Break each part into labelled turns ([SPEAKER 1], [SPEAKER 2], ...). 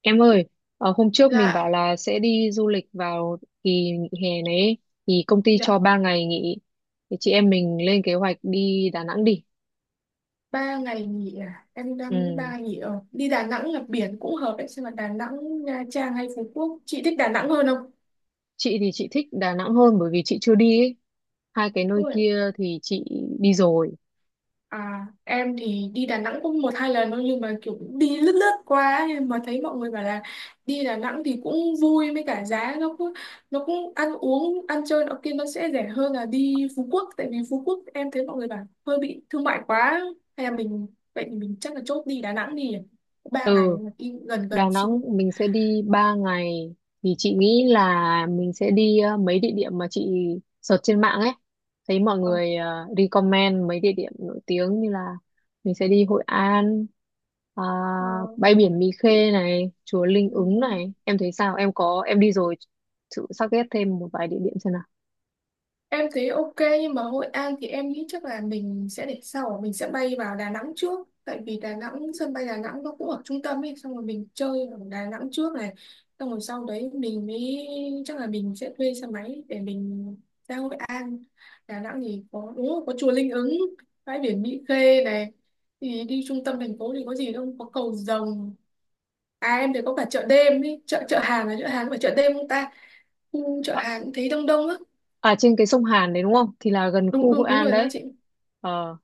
[SPEAKER 1] Em ơi, hôm trước mình bảo
[SPEAKER 2] Dạ,
[SPEAKER 1] là sẽ đi du lịch vào kỳ nghỉ hè này ấy, thì công ty cho
[SPEAKER 2] dạ,
[SPEAKER 1] 3 ngày nghỉ. Thì chị em mình lên kế hoạch đi Đà Nẵng đi.
[SPEAKER 2] ba ngày nghỉ à? Em đang nghĩ
[SPEAKER 1] Ừ.
[SPEAKER 2] ba nghỉ ở đi Đà Nẵng là biển cũng hợp đấy, xem là Đà Nẵng, Nha Trang hay Phú Quốc. Chị thích Đà Nẵng hơn không?
[SPEAKER 1] Chị thì chị thích Đà Nẵng hơn bởi vì chị chưa đi ấy. Hai cái nơi
[SPEAKER 2] Đúng rồi.
[SPEAKER 1] kia thì chị đi rồi.
[SPEAKER 2] À, em thì đi Đà Nẵng cũng một hai lần thôi nhưng mà kiểu đi lướt lướt qua ấy, mà thấy mọi người bảo là đi Đà Nẵng thì cũng vui với cả giá nó cũng ăn uống ăn chơi nó kia nó sẽ rẻ hơn là đi Phú Quốc, tại vì Phú Quốc em thấy mọi người bảo hơi bị thương mại quá. Hay là mình, vậy thì mình chắc là chốt đi Đà Nẵng đi, ba ngày
[SPEAKER 1] Ừ.
[SPEAKER 2] mà đi gần
[SPEAKER 1] Đà
[SPEAKER 2] gần xíu.
[SPEAKER 1] Nẵng mình sẽ đi 3 ngày, thì chị nghĩ là mình sẽ đi mấy địa điểm mà chị search trên mạng ấy, thấy mọi người recommend mấy địa điểm nổi tiếng như là mình sẽ đi Hội An, à,
[SPEAKER 2] Ờ,
[SPEAKER 1] bãi biển Mỹ Khê này, chùa Linh
[SPEAKER 2] ừ,
[SPEAKER 1] Ứng
[SPEAKER 2] đúng.
[SPEAKER 1] này, em thấy sao? Em có em đi rồi thử sắp ghét thêm một vài địa điểm xem nào.
[SPEAKER 2] Em thấy ok, nhưng mà Hội An thì em nghĩ chắc là mình sẽ để sau, mình sẽ bay vào Đà Nẵng trước tại vì Đà Nẵng, sân bay Đà Nẵng nó cũng ở trung tâm ấy, xong rồi mình chơi ở Đà Nẵng trước này, xong rồi sau đấy mình mới, chắc là mình sẽ thuê xe máy để mình ra Hội An. Đà Nẵng thì có đúng rồi, có chùa Linh Ứng, bãi biển Mỹ Khê này, thì đi trung tâm thành phố thì có gì đâu, có cầu rồng. À em thấy có cả chợ đêm ý, chợ chợ hàng là chợ hàng, phải chợ đêm không ta? Khu chợ
[SPEAKER 1] à,
[SPEAKER 2] hàng cũng thấy đông đông á.
[SPEAKER 1] à, trên cái sông Hàn đấy đúng không, thì là gần
[SPEAKER 2] Đúng
[SPEAKER 1] khu
[SPEAKER 2] đúng
[SPEAKER 1] Hội
[SPEAKER 2] đúng
[SPEAKER 1] An
[SPEAKER 2] rồi đó
[SPEAKER 1] đấy.
[SPEAKER 2] chị.
[SPEAKER 1] Ờ.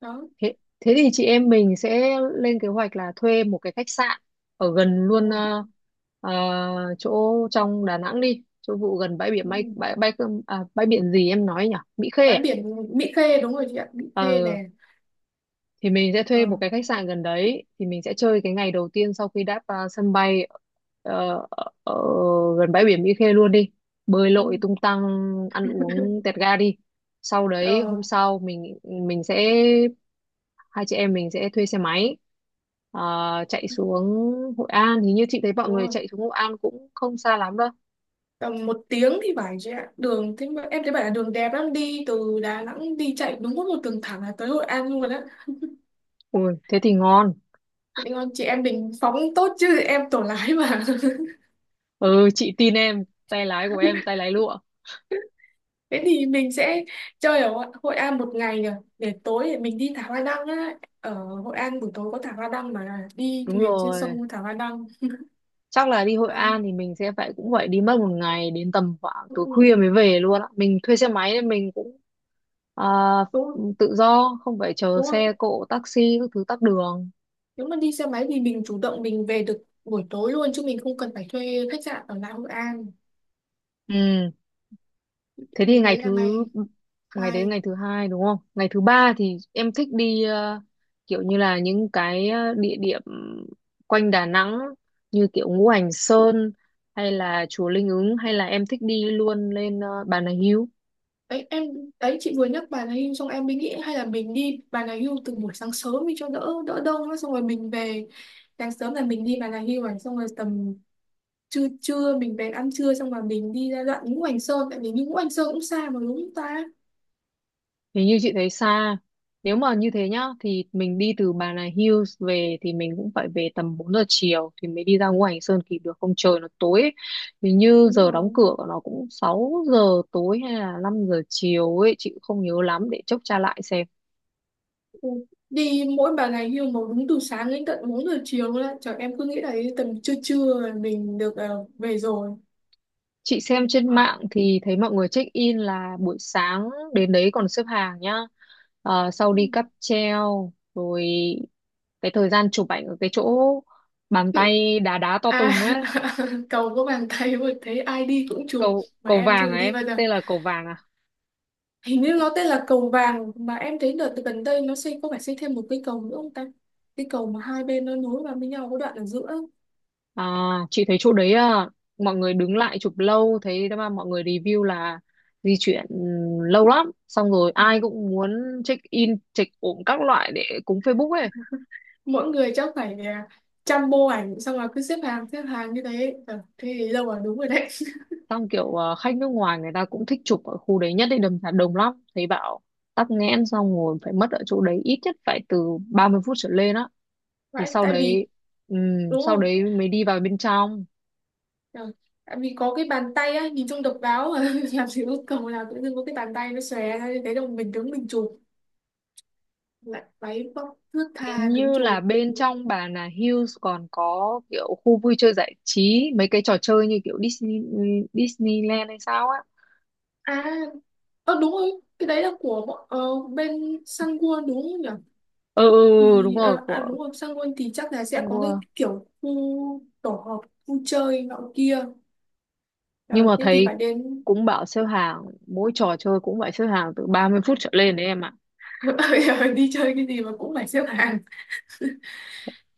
[SPEAKER 2] Đó,
[SPEAKER 1] Thế, thế thì chị em mình sẽ lên kế hoạch là thuê một cái khách sạn ở gần
[SPEAKER 2] đúng
[SPEAKER 1] luôn,
[SPEAKER 2] rồi.
[SPEAKER 1] chỗ trong Đà Nẵng đi, chỗ vụ gần bãi biển
[SPEAKER 2] Ừ.
[SPEAKER 1] bay bãi bãi Cơm- à, bãi biển gì em nói nhỉ? Mỹ Khê
[SPEAKER 2] Bãi
[SPEAKER 1] à?
[SPEAKER 2] biển Mỹ Khê đúng rồi chị ạ, Mỹ Khê nè.
[SPEAKER 1] Ờ, thì mình sẽ
[SPEAKER 2] Ờ,
[SPEAKER 1] thuê một cái khách sạn gần đấy, thì mình sẽ chơi cái ngày đầu tiên sau khi đáp sân bay, ở gần bãi biển Mỹ Khê luôn đi. Bơi lội
[SPEAKER 2] đúng.
[SPEAKER 1] tung tăng, ăn uống tẹt ga đi. Sau đấy
[SPEAKER 2] Ờ,
[SPEAKER 1] hôm sau mình sẽ hai chị em mình sẽ thuê xe máy, ờ, chạy xuống Hội An. Hình như chị thấy mọi
[SPEAKER 2] đúng
[SPEAKER 1] người
[SPEAKER 2] rồi.
[SPEAKER 1] chạy xuống Hội An cũng không xa lắm đâu.
[SPEAKER 2] Tầm một tiếng thì phải chị ạ. Đường thế mà em thấy bảo là đường đẹp lắm, đi từ Đà Nẵng đi chạy đúng có một đường thẳng là tới Hội An luôn á.
[SPEAKER 1] Ui thế thì ngon.
[SPEAKER 2] Chị định con chị em mình phóng tốt chứ em tổ lái mà.
[SPEAKER 1] Ừ, chị tin em, tay lái của em tay lái lụa.
[SPEAKER 2] Thế thì mình sẽ chơi ở Hội Hội An một ngày nhỉ, để tối thì mình đi thả hoa đăng á, ở Hội An buổi tối có thả hoa đăng mà, đi
[SPEAKER 1] Đúng
[SPEAKER 2] thuyền trên
[SPEAKER 1] rồi,
[SPEAKER 2] sông thả hoa đăng.
[SPEAKER 1] chắc là đi Hội
[SPEAKER 2] à,
[SPEAKER 1] An thì mình sẽ phải, cũng phải đi mất một ngày, đến tầm khoảng tối khuya
[SPEAKER 2] ừ,
[SPEAKER 1] mới về luôn á. Mình thuê xe máy nên mình cũng, ờ,
[SPEAKER 2] đúng rồi,
[SPEAKER 1] tự do, không phải chờ
[SPEAKER 2] đúng không,
[SPEAKER 1] xe cộ, taxi các thứ, tắc đường.
[SPEAKER 2] nếu mà đi xe máy thì mình chủ động mình về được buổi tối luôn chứ mình không cần phải thuê khách sạn ở lại Hội An.
[SPEAKER 1] Ừ. Thế thì
[SPEAKER 2] Thì
[SPEAKER 1] ngày
[SPEAKER 2] đấy là
[SPEAKER 1] thứ
[SPEAKER 2] ngày
[SPEAKER 1] ngày đấy
[SPEAKER 2] hai.
[SPEAKER 1] ngày thứ hai đúng không? Ngày thứ ba thì em thích đi kiểu như là những cái địa điểm quanh Đà Nẵng như kiểu Ngũ Hành Sơn, hay là chùa Linh Ứng, hay là em thích đi luôn lên Bà Nà Hưu.
[SPEAKER 2] Đấy em, đấy chị vừa nhắc Bà Nà Hills xong em mới nghĩ hay là mình đi Bà Nà Hills từ buổi sáng sớm đi cho đỡ đỡ đông á, xong rồi mình về. Sáng sớm là mình đi Bà Nà Hills, xong rồi tầm trưa trưa mình bèn ăn trưa, xong rồi mình đi ra đoạn Ngũ Hành Sơn, tại vì đi Ngũ Hành Sơn cũng xa mà đúng không ta.
[SPEAKER 1] Nếu như chị thấy xa, nếu mà như thế nhá, thì mình đi từ Bà Nà Hills về thì mình cũng phải về tầm 4 giờ chiều thì mới đi ra ngoài hành sơn kịp được, không trời nó tối ấy. Thì như
[SPEAKER 2] Đúng
[SPEAKER 1] giờ đóng
[SPEAKER 2] rồi.
[SPEAKER 1] cửa của nó cũng 6 giờ tối hay là 5 giờ chiều ấy, chị cũng không nhớ lắm, để chốc tra lại xem.
[SPEAKER 2] Ừ. Đi mỗi ba ngày nhưng mà đúng từ sáng đến tận 4 giờ chiều luôn á trời, em cứ nghĩ là đến tầm trưa trưa là mình được về rồi.
[SPEAKER 1] Chị xem trên
[SPEAKER 2] Ờ,
[SPEAKER 1] mạng thì thấy mọi người check in là buổi sáng đến đấy còn xếp hàng nhá. Ờ, sau
[SPEAKER 2] Ừ.
[SPEAKER 1] đi cáp treo rồi cái thời gian chụp ảnh ở cái chỗ bàn tay đá đá to
[SPEAKER 2] À
[SPEAKER 1] tùng ấy,
[SPEAKER 2] cầu có bàn tay mà thấy ai đi cũng chụp,
[SPEAKER 1] cầu
[SPEAKER 2] mà
[SPEAKER 1] cầu
[SPEAKER 2] em
[SPEAKER 1] vàng
[SPEAKER 2] chưa
[SPEAKER 1] à,
[SPEAKER 2] đi
[SPEAKER 1] em
[SPEAKER 2] bao giờ.
[SPEAKER 1] tên là cầu vàng à?
[SPEAKER 2] Hình như nó tên là cầu vàng, mà em thấy đợt gần đây nó xây, có phải xây thêm một cây cầu nữa không ta, cái cầu mà hai bên nó nối vào với nhau có đoạn ở giữa ấy.
[SPEAKER 1] À, chị thấy chỗ đấy, à, mọi người đứng lại chụp lâu, thấy mà mọi người review là di chuyển lâu lắm, xong rồi ai cũng muốn check in check ổn các loại để cúng Facebook ấy.
[SPEAKER 2] Mỗi người chắc phải trăm bộ ảnh, xong rồi cứ xếp hàng như thế thế thì đâu mà đúng rồi đấy.
[SPEAKER 1] Xong kiểu à, khách nước ngoài người ta cũng thích chụp ở khu đấy nhất định, đầm Hà đồng lắm, thấy bảo tắc nghẽn, xong ngồi phải mất ở chỗ đấy ít nhất phải từ 30 phút trở lên á, thì
[SPEAKER 2] Vậy,
[SPEAKER 1] sau
[SPEAKER 2] tại
[SPEAKER 1] đấy,
[SPEAKER 2] vì đúng
[SPEAKER 1] sau
[SPEAKER 2] không.
[SPEAKER 1] đấy mới đi vào bên trong.
[SPEAKER 2] Ờ, tại vì có cái bàn tay á nhìn trông độc đáo mà. Làm gì có cầu nào tự dưng có cái bàn tay nó xòe ra như thế đâu, mình đứng mình chụp lại, váy vóc thướt
[SPEAKER 1] Hình
[SPEAKER 2] tha đứng
[SPEAKER 1] như là
[SPEAKER 2] chụp.
[SPEAKER 1] bên trong Bà Nà Hills còn có kiểu khu vui chơi giải trí, mấy cái trò chơi như kiểu Disneyland hay sao á.
[SPEAKER 2] À ờ đúng rồi, cái đấy là bên Sangwon đúng không nhỉ,
[SPEAKER 1] Ừ ừ, ừ, ừ, đúng
[SPEAKER 2] thì
[SPEAKER 1] rồi, của
[SPEAKER 2] đúng rồi, Sangwon thì chắc là
[SPEAKER 1] Sun
[SPEAKER 2] sẽ có cái
[SPEAKER 1] World,
[SPEAKER 2] kiểu khu tổ hợp, khu chơi nọ kia.
[SPEAKER 1] nhưng
[SPEAKER 2] Ờ,
[SPEAKER 1] mà
[SPEAKER 2] thế thì
[SPEAKER 1] thấy
[SPEAKER 2] phải đến.
[SPEAKER 1] cũng bảo xếp hàng, mỗi trò chơi cũng phải xếp hàng từ 30 phút trở lên đấy em ạ.
[SPEAKER 2] Bây giờ đi chơi cái gì mà cũng phải xếp hàng.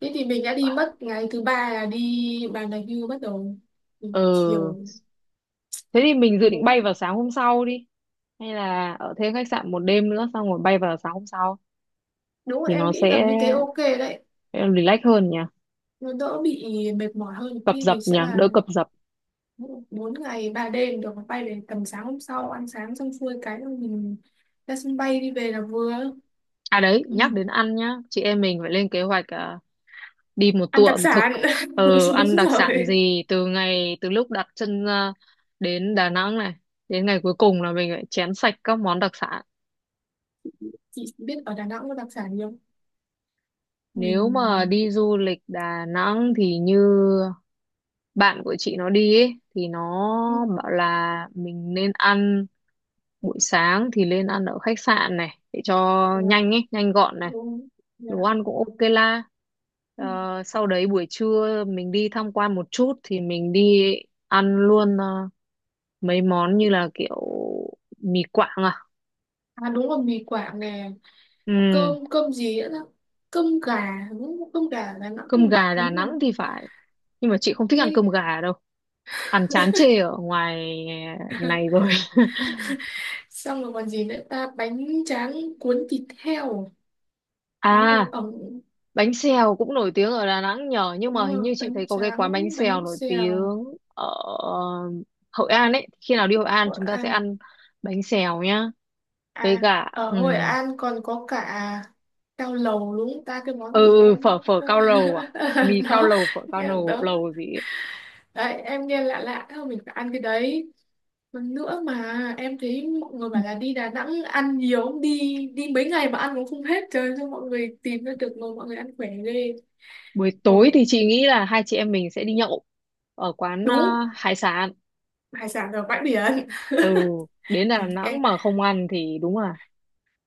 [SPEAKER 2] Thế thì mình đã đi mất ngày thứ ba là đi bàn đạp hưu, bắt đầu từ
[SPEAKER 1] Ừ,
[SPEAKER 2] chiều
[SPEAKER 1] thế thì mình dự định
[SPEAKER 2] đến.
[SPEAKER 1] bay vào sáng hôm sau đi, hay là ở thêm khách sạn một đêm nữa xong rồi bay vào sáng hôm sau,
[SPEAKER 2] Đúng
[SPEAKER 1] thì
[SPEAKER 2] rồi, em
[SPEAKER 1] nó
[SPEAKER 2] nghĩ
[SPEAKER 1] sẽ
[SPEAKER 2] tầm như thế ok đấy.
[SPEAKER 1] relax hơn nhỉ,
[SPEAKER 2] Nó đỡ bị mệt mỏi hơn,
[SPEAKER 1] cập
[SPEAKER 2] thì
[SPEAKER 1] dập
[SPEAKER 2] thì
[SPEAKER 1] nhỉ,
[SPEAKER 2] sẽ là
[SPEAKER 1] đỡ cập dập.
[SPEAKER 2] bốn ngày ba đêm, được bay về tầm sáng hôm sau, ăn sáng xong xuôi cái rồi mình ra sân bay đi về là vừa.
[SPEAKER 1] À đấy,
[SPEAKER 2] Ừ.
[SPEAKER 1] nhắc đến ăn nhá, chị em mình phải lên kế hoạch, đi một
[SPEAKER 2] Ăn
[SPEAKER 1] tour
[SPEAKER 2] đặc
[SPEAKER 1] ẩm thực,
[SPEAKER 2] sản đúng
[SPEAKER 1] ăn đặc sản
[SPEAKER 2] rồi,
[SPEAKER 1] gì từ ngày, từ lúc đặt chân ra đến Đà Nẵng này đến ngày cuối cùng là mình phải chén sạch các món đặc sản.
[SPEAKER 2] chị biết ở Đà Nẵng có đặc sản gì không,
[SPEAKER 1] Nếu mà
[SPEAKER 2] mình.
[SPEAKER 1] đi du lịch Đà Nẵng thì như bạn của chị nó đi ấy, thì nó
[SPEAKER 2] Ừ.
[SPEAKER 1] bảo là mình nên ăn buổi sáng thì nên ăn ở khách sạn này để cho
[SPEAKER 2] Ừ.
[SPEAKER 1] nhanh ấy, nhanh gọn này,
[SPEAKER 2] Ừ. Dạ.
[SPEAKER 1] đồ ăn cũng ok la.
[SPEAKER 2] Ừ.
[SPEAKER 1] Ờ, sau đấy buổi trưa mình đi tham quan một chút thì mình đi ăn luôn mấy món như là kiểu mì Quảng à.
[SPEAKER 2] À đúng rồi, mì Quảng nè,
[SPEAKER 1] Ừ.
[SPEAKER 2] cơm cơm gì nữa đó, cơm gà đúng không? Cơm gà là nó cũng
[SPEAKER 1] Cơm
[SPEAKER 2] nổi
[SPEAKER 1] gà Đà
[SPEAKER 2] tiếng rồi.
[SPEAKER 1] Nẵng thì phải, nhưng mà chị không thích ăn
[SPEAKER 2] Mê.
[SPEAKER 1] cơm gà đâu, ăn chán chê ở ngoài này rồi.
[SPEAKER 2] Xong rồi còn gì nữa ta, bánh tráng cuốn thịt heo đúng rồi,
[SPEAKER 1] À,
[SPEAKER 2] ẩm,
[SPEAKER 1] bánh xèo cũng nổi tiếng ở Đà Nẵng nhờ, nhưng
[SPEAKER 2] đúng
[SPEAKER 1] mà hình như
[SPEAKER 2] rồi,
[SPEAKER 1] chị
[SPEAKER 2] bánh
[SPEAKER 1] thấy có cái
[SPEAKER 2] tráng
[SPEAKER 1] quán bánh xèo
[SPEAKER 2] bánh
[SPEAKER 1] nổi
[SPEAKER 2] xèo,
[SPEAKER 1] tiếng ở Hội An ấy, khi nào đi Hội An
[SPEAKER 2] Hội
[SPEAKER 1] chúng ta sẽ
[SPEAKER 2] An.
[SPEAKER 1] ăn bánh xèo nhá. Với
[SPEAKER 2] À
[SPEAKER 1] cả,
[SPEAKER 2] ở Hội An còn có cả cao lầu đúng không ta, cái món
[SPEAKER 1] ừ
[SPEAKER 2] gì em.
[SPEAKER 1] phở phở cao lầu à, mì cao
[SPEAKER 2] Đó,
[SPEAKER 1] lầu, phở cao lầu,
[SPEAKER 2] đó,
[SPEAKER 1] lầu gì ấy.
[SPEAKER 2] đấy em nghe lạ lạ thôi, mình phải ăn cái đấy. Còn nữa mà em thấy mọi người bảo là đi Đà Nẵng ăn nhiều đi, đi mấy ngày mà ăn cũng không hết trời, cho mọi người tìm ra được, ngồi mọi người ăn khỏe ghê.
[SPEAKER 1] Buổi
[SPEAKER 2] mà
[SPEAKER 1] tối
[SPEAKER 2] bữa-
[SPEAKER 1] thì chị nghĩ là hai chị em mình sẽ đi nhậu ở quán
[SPEAKER 2] đúng,
[SPEAKER 1] hải sản.
[SPEAKER 2] hải sản ở bãi biển.
[SPEAKER 1] Ừ, đến Đà
[SPEAKER 2] Trời,
[SPEAKER 1] Nẵng mà không ăn thì đúng là.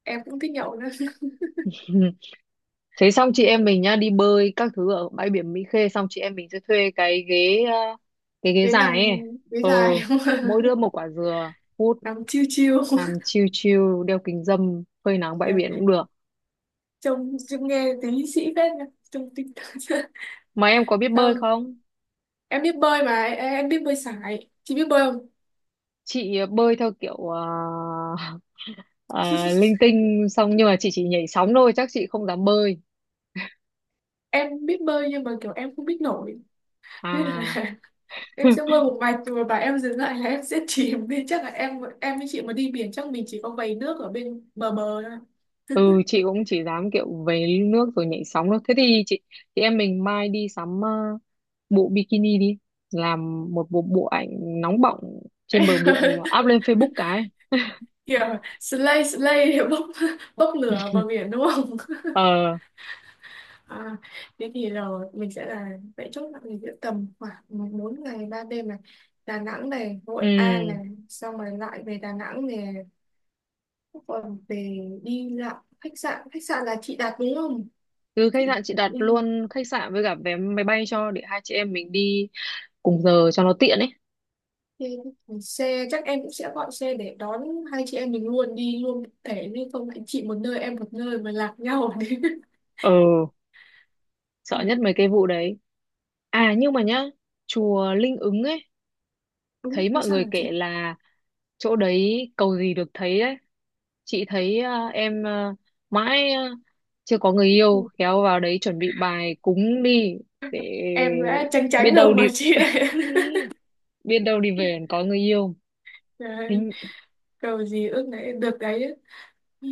[SPEAKER 2] em cũng thích nhậu nữa.
[SPEAKER 1] Thế xong chị em mình nhá, đi bơi các thứ ở bãi biển Mỹ Khê, xong chị em mình sẽ thuê cái ghế
[SPEAKER 2] Đến nằm
[SPEAKER 1] dài ấy.
[SPEAKER 2] với
[SPEAKER 1] Ừ,
[SPEAKER 2] dài không.
[SPEAKER 1] mỗi đứa một quả dừa, hút,
[SPEAKER 2] Nằm chiêu chiêu.
[SPEAKER 1] làm chill chill, đeo kính râm, phơi nắng bãi
[SPEAKER 2] Trời,
[SPEAKER 1] biển cũng được.
[SPEAKER 2] trông trông nghe tí sĩ phết nha, trông tinh thần.
[SPEAKER 1] Mà em có biết bơi
[SPEAKER 2] Xong
[SPEAKER 1] không?
[SPEAKER 2] em biết bơi mà, em biết bơi sải, chị biết bơi không.
[SPEAKER 1] Chị bơi theo kiểu ờ, linh tinh, xong nhưng mà chị chỉ nhảy sóng thôi, chắc chị không dám bơi.
[SPEAKER 2] Em biết bơi nhưng mà kiểu em không biết nổi nên
[SPEAKER 1] À.
[SPEAKER 2] là em sẽ bơi một mạch rồi bà em dừng lại là em sẽ chìm đi, chắc là em với chị mà đi biển chắc mình chỉ có vầy nước ở bên bờ bờ thôi.
[SPEAKER 1] Ừ, chị cũng chỉ dám kiểu về nước rồi nhảy sóng thôi. Thế thì chị em mình mai đi sắm bộ bikini đi, làm một bộ bộ ảnh nóng bỏng trên bờ biển, up lên Facebook cái.
[SPEAKER 2] Kiểu slay slay để bốc bốc lửa vào biển đúng không.
[SPEAKER 1] ờ
[SPEAKER 2] à, Thế thì là mình sẽ là, vậy chốt là mình sẽ tầm khoảng 4 ngày 3 đêm này, Đà Nẵng này,
[SPEAKER 1] ừ
[SPEAKER 2] Hội An này, xong rồi lại về Đà Nẵng này, còn về đi lại, khách sạn là chị đặt đúng không
[SPEAKER 1] Từ khách
[SPEAKER 2] chị.
[SPEAKER 1] sạn chị đặt
[SPEAKER 2] Ừ,
[SPEAKER 1] luôn khách sạn với cả vé máy bay cho, để hai chị em mình đi cùng giờ cho nó tiện ấy.
[SPEAKER 2] thì xe chắc em cũng sẽ gọi xe để đón hai chị em mình luôn đi luôn một thể, nhưng không lại chị một nơi em một nơi mà lạc nhau đấy.
[SPEAKER 1] ờ
[SPEAKER 2] ừ,
[SPEAKER 1] Sợ nhất mấy cái vụ đấy. À nhưng mà nhá, chùa Linh Ứng ấy,
[SPEAKER 2] Đúng
[SPEAKER 1] thấy
[SPEAKER 2] thế
[SPEAKER 1] mọi
[SPEAKER 2] sao hả
[SPEAKER 1] người kể
[SPEAKER 2] chị.
[SPEAKER 1] là chỗ đấy cầu gì được thấy đấy. Chị thấy em mãi chưa có người yêu,
[SPEAKER 2] Ừ.
[SPEAKER 1] khéo vào đấy chuẩn bị bài cúng đi, để
[SPEAKER 2] Em đã tránh
[SPEAKER 1] biết
[SPEAKER 2] tránh rồi
[SPEAKER 1] đâu đi,
[SPEAKER 2] mà chị lại.
[SPEAKER 1] biết đâu đi về còn có người yêu.
[SPEAKER 2] Đấy,
[SPEAKER 1] hình,
[SPEAKER 2] cầu gì ước đấy được đấy. Ừ.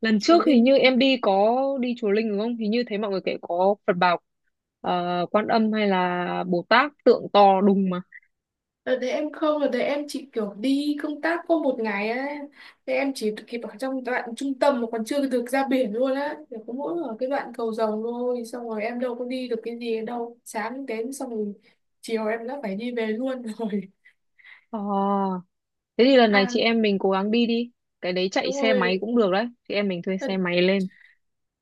[SPEAKER 1] Lần
[SPEAKER 2] Chúa
[SPEAKER 1] trước hình
[SPEAKER 2] linh
[SPEAKER 1] như
[SPEAKER 2] nữa.
[SPEAKER 1] em đi có đi chùa Linh đúng không, hình như thấy mọi người kể có Phật Bảo Quan Âm hay là Bồ Tát, tượng to đùng mà.
[SPEAKER 2] Đợt đấy em không, đợt đấy em chỉ kiểu đi công tác có một ngày ấy. Thế em chỉ kịp ở trong đoạn trung tâm mà còn chưa được ra biển luôn á. Chỉ có mỗi ở cái đoạn cầu Rồng thôi. Xong rồi em đâu có đi được cái gì đâu. Sáng đến xong rồi chiều em đã phải đi về luôn rồi.
[SPEAKER 1] Ờ. Thế thì lần này
[SPEAKER 2] À
[SPEAKER 1] chị em mình cố gắng đi đi. Cái đấy chạy
[SPEAKER 2] đúng
[SPEAKER 1] xe máy
[SPEAKER 2] rồi,
[SPEAKER 1] cũng được đấy. Chị em mình thuê xe
[SPEAKER 2] lần,
[SPEAKER 1] máy lên.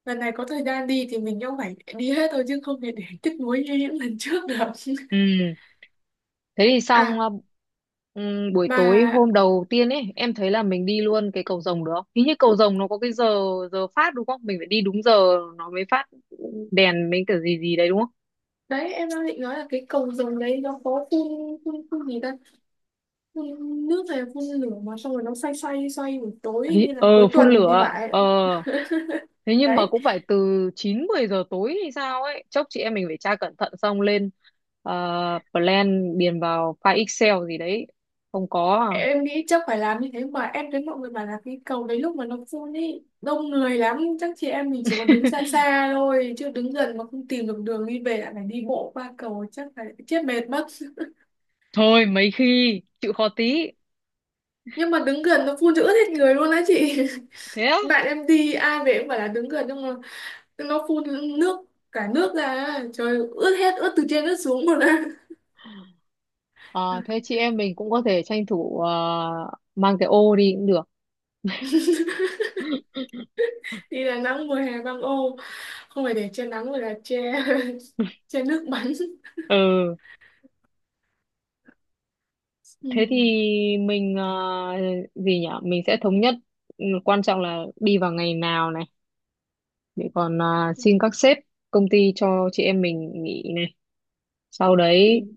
[SPEAKER 2] lần này có thời gian đi thì mình cũng phải đi hết thôi chứ không thể để tiếc nuối như những lần trước được.
[SPEAKER 1] Ừ. Thế thì xong,
[SPEAKER 2] À
[SPEAKER 1] buổi
[SPEAKER 2] mà
[SPEAKER 1] tối hôm đầu tiên ấy, em thấy là mình đi luôn cái cầu Rồng được không? Hình như cầu Rồng nó có cái giờ, giờ phát đúng không? Mình phải đi đúng giờ nó mới phát đèn mấy cái gì gì đấy đúng không?
[SPEAKER 2] đấy em đang định nói là cái cầu Rồng đấy nó có phun gì ta? Phun nước hay phun lửa mà xong rồi nó xoay xoay xoay buổi tối
[SPEAKER 1] Hi-
[SPEAKER 2] như là
[SPEAKER 1] Ờ,
[SPEAKER 2] cuối
[SPEAKER 1] phun
[SPEAKER 2] tuần thì
[SPEAKER 1] lửa.
[SPEAKER 2] phải.
[SPEAKER 1] Ờ, thế nhưng mà
[SPEAKER 2] Đấy
[SPEAKER 1] cũng phải từ 9 10 giờ tối hay sao ấy. Chốc chị em mình phải tra cẩn thận xong lên ờ, plan, điền vào file Excel gì đấy. Không có à?
[SPEAKER 2] em nghĩ chắc phải làm như thế, mà em thấy mọi người bảo là cái cầu đấy lúc mà nó phun ý đông người lắm, chắc chị em mình chỉ có đứng xa xa thôi, chứ đứng gần mà không tìm được đường đi về lại phải đi bộ qua cầu chắc phải chết mệt mất.
[SPEAKER 1] Thôi mấy khi chịu khó tí.
[SPEAKER 2] Nhưng mà đứng gần nó phun cho ướt hết người luôn á chị.
[SPEAKER 1] Thế á?
[SPEAKER 2] Bạn em đi ai về cũng phải là đứng gần, nhưng mà nó phun nước, cả nước ra trời, ướt hết, ướt từ trên ướt xuống luôn á.
[SPEAKER 1] Ờ, thế chị em mình cũng có thể tranh thủ mang cái ô đi cũng được.
[SPEAKER 2] Đi Đà Nẵng mùa hè băng ô, không phải để che nắng mà là che che nước bắn.
[SPEAKER 1] Ừ
[SPEAKER 2] Ừ.
[SPEAKER 1] thế thì mình gì nhở, mình sẽ thống nhất, quan trọng là đi vào ngày nào này, để còn xin các sếp công ty cho chị em mình nghỉ này, sau đấy
[SPEAKER 2] mình-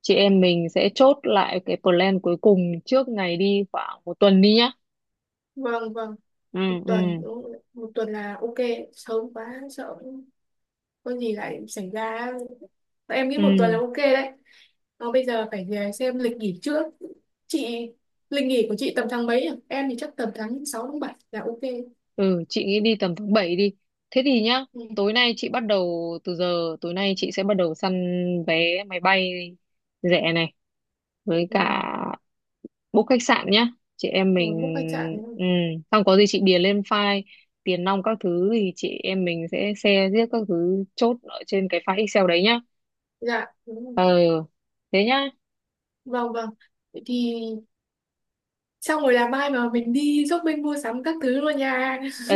[SPEAKER 1] chị em mình sẽ chốt lại cái plan cuối cùng trước ngày đi khoảng một tuần đi nhá.
[SPEAKER 2] vâng vâng,
[SPEAKER 1] Ừ
[SPEAKER 2] một
[SPEAKER 1] ừ
[SPEAKER 2] tuần đúng rồi. Một tuần là ok, sớm quá sợ có gì lại xảy ra, em nghĩ
[SPEAKER 1] ừ.
[SPEAKER 2] một tuần là ok đấy. Nó bây giờ phải về xem lịch nghỉ trước chị, lịch nghỉ của chị tầm tháng mấy à? Em thì chắc tầm tháng 6 tháng 7 là ok.
[SPEAKER 1] Ừ, chị nghĩ đi tầm tháng 7 đi. Thế thì nhá,
[SPEAKER 2] Ừ.
[SPEAKER 1] tối nay chị bắt đầu từ giờ, tối nay chị sẽ bắt đầu săn vé máy bay rẻ này, với
[SPEAKER 2] Ừ.
[SPEAKER 1] cả book khách sạn nhá. Chị em
[SPEAKER 2] Rồi
[SPEAKER 1] mình,
[SPEAKER 2] book khách sạn đúng không?
[SPEAKER 1] ừ, xong có gì chị điền lên file, tiền nong các thứ thì chị em mình sẽ share riết các thứ, chốt ở trên cái file Excel đấy nhá.
[SPEAKER 2] Dạ đúng rồi.
[SPEAKER 1] Ừ, thế nhá.
[SPEAKER 2] Vâng vâng. Vậy thì xong rồi là mai mà mình đi shopping mua sắm các thứ luôn nha.
[SPEAKER 1] Ừ,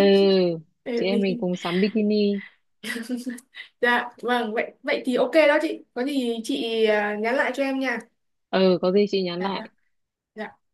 [SPEAKER 1] chị
[SPEAKER 2] Để
[SPEAKER 1] em mình
[SPEAKER 2] mình...
[SPEAKER 1] cùng sắm bikini.
[SPEAKER 2] dạ vâng vậy vậy thì ok đó chị, có gì chị nhắn lại cho em nha.
[SPEAKER 1] Ừ, có gì chị nhắn
[SPEAKER 2] Dạ dạ
[SPEAKER 1] lại.
[SPEAKER 2] Dạ.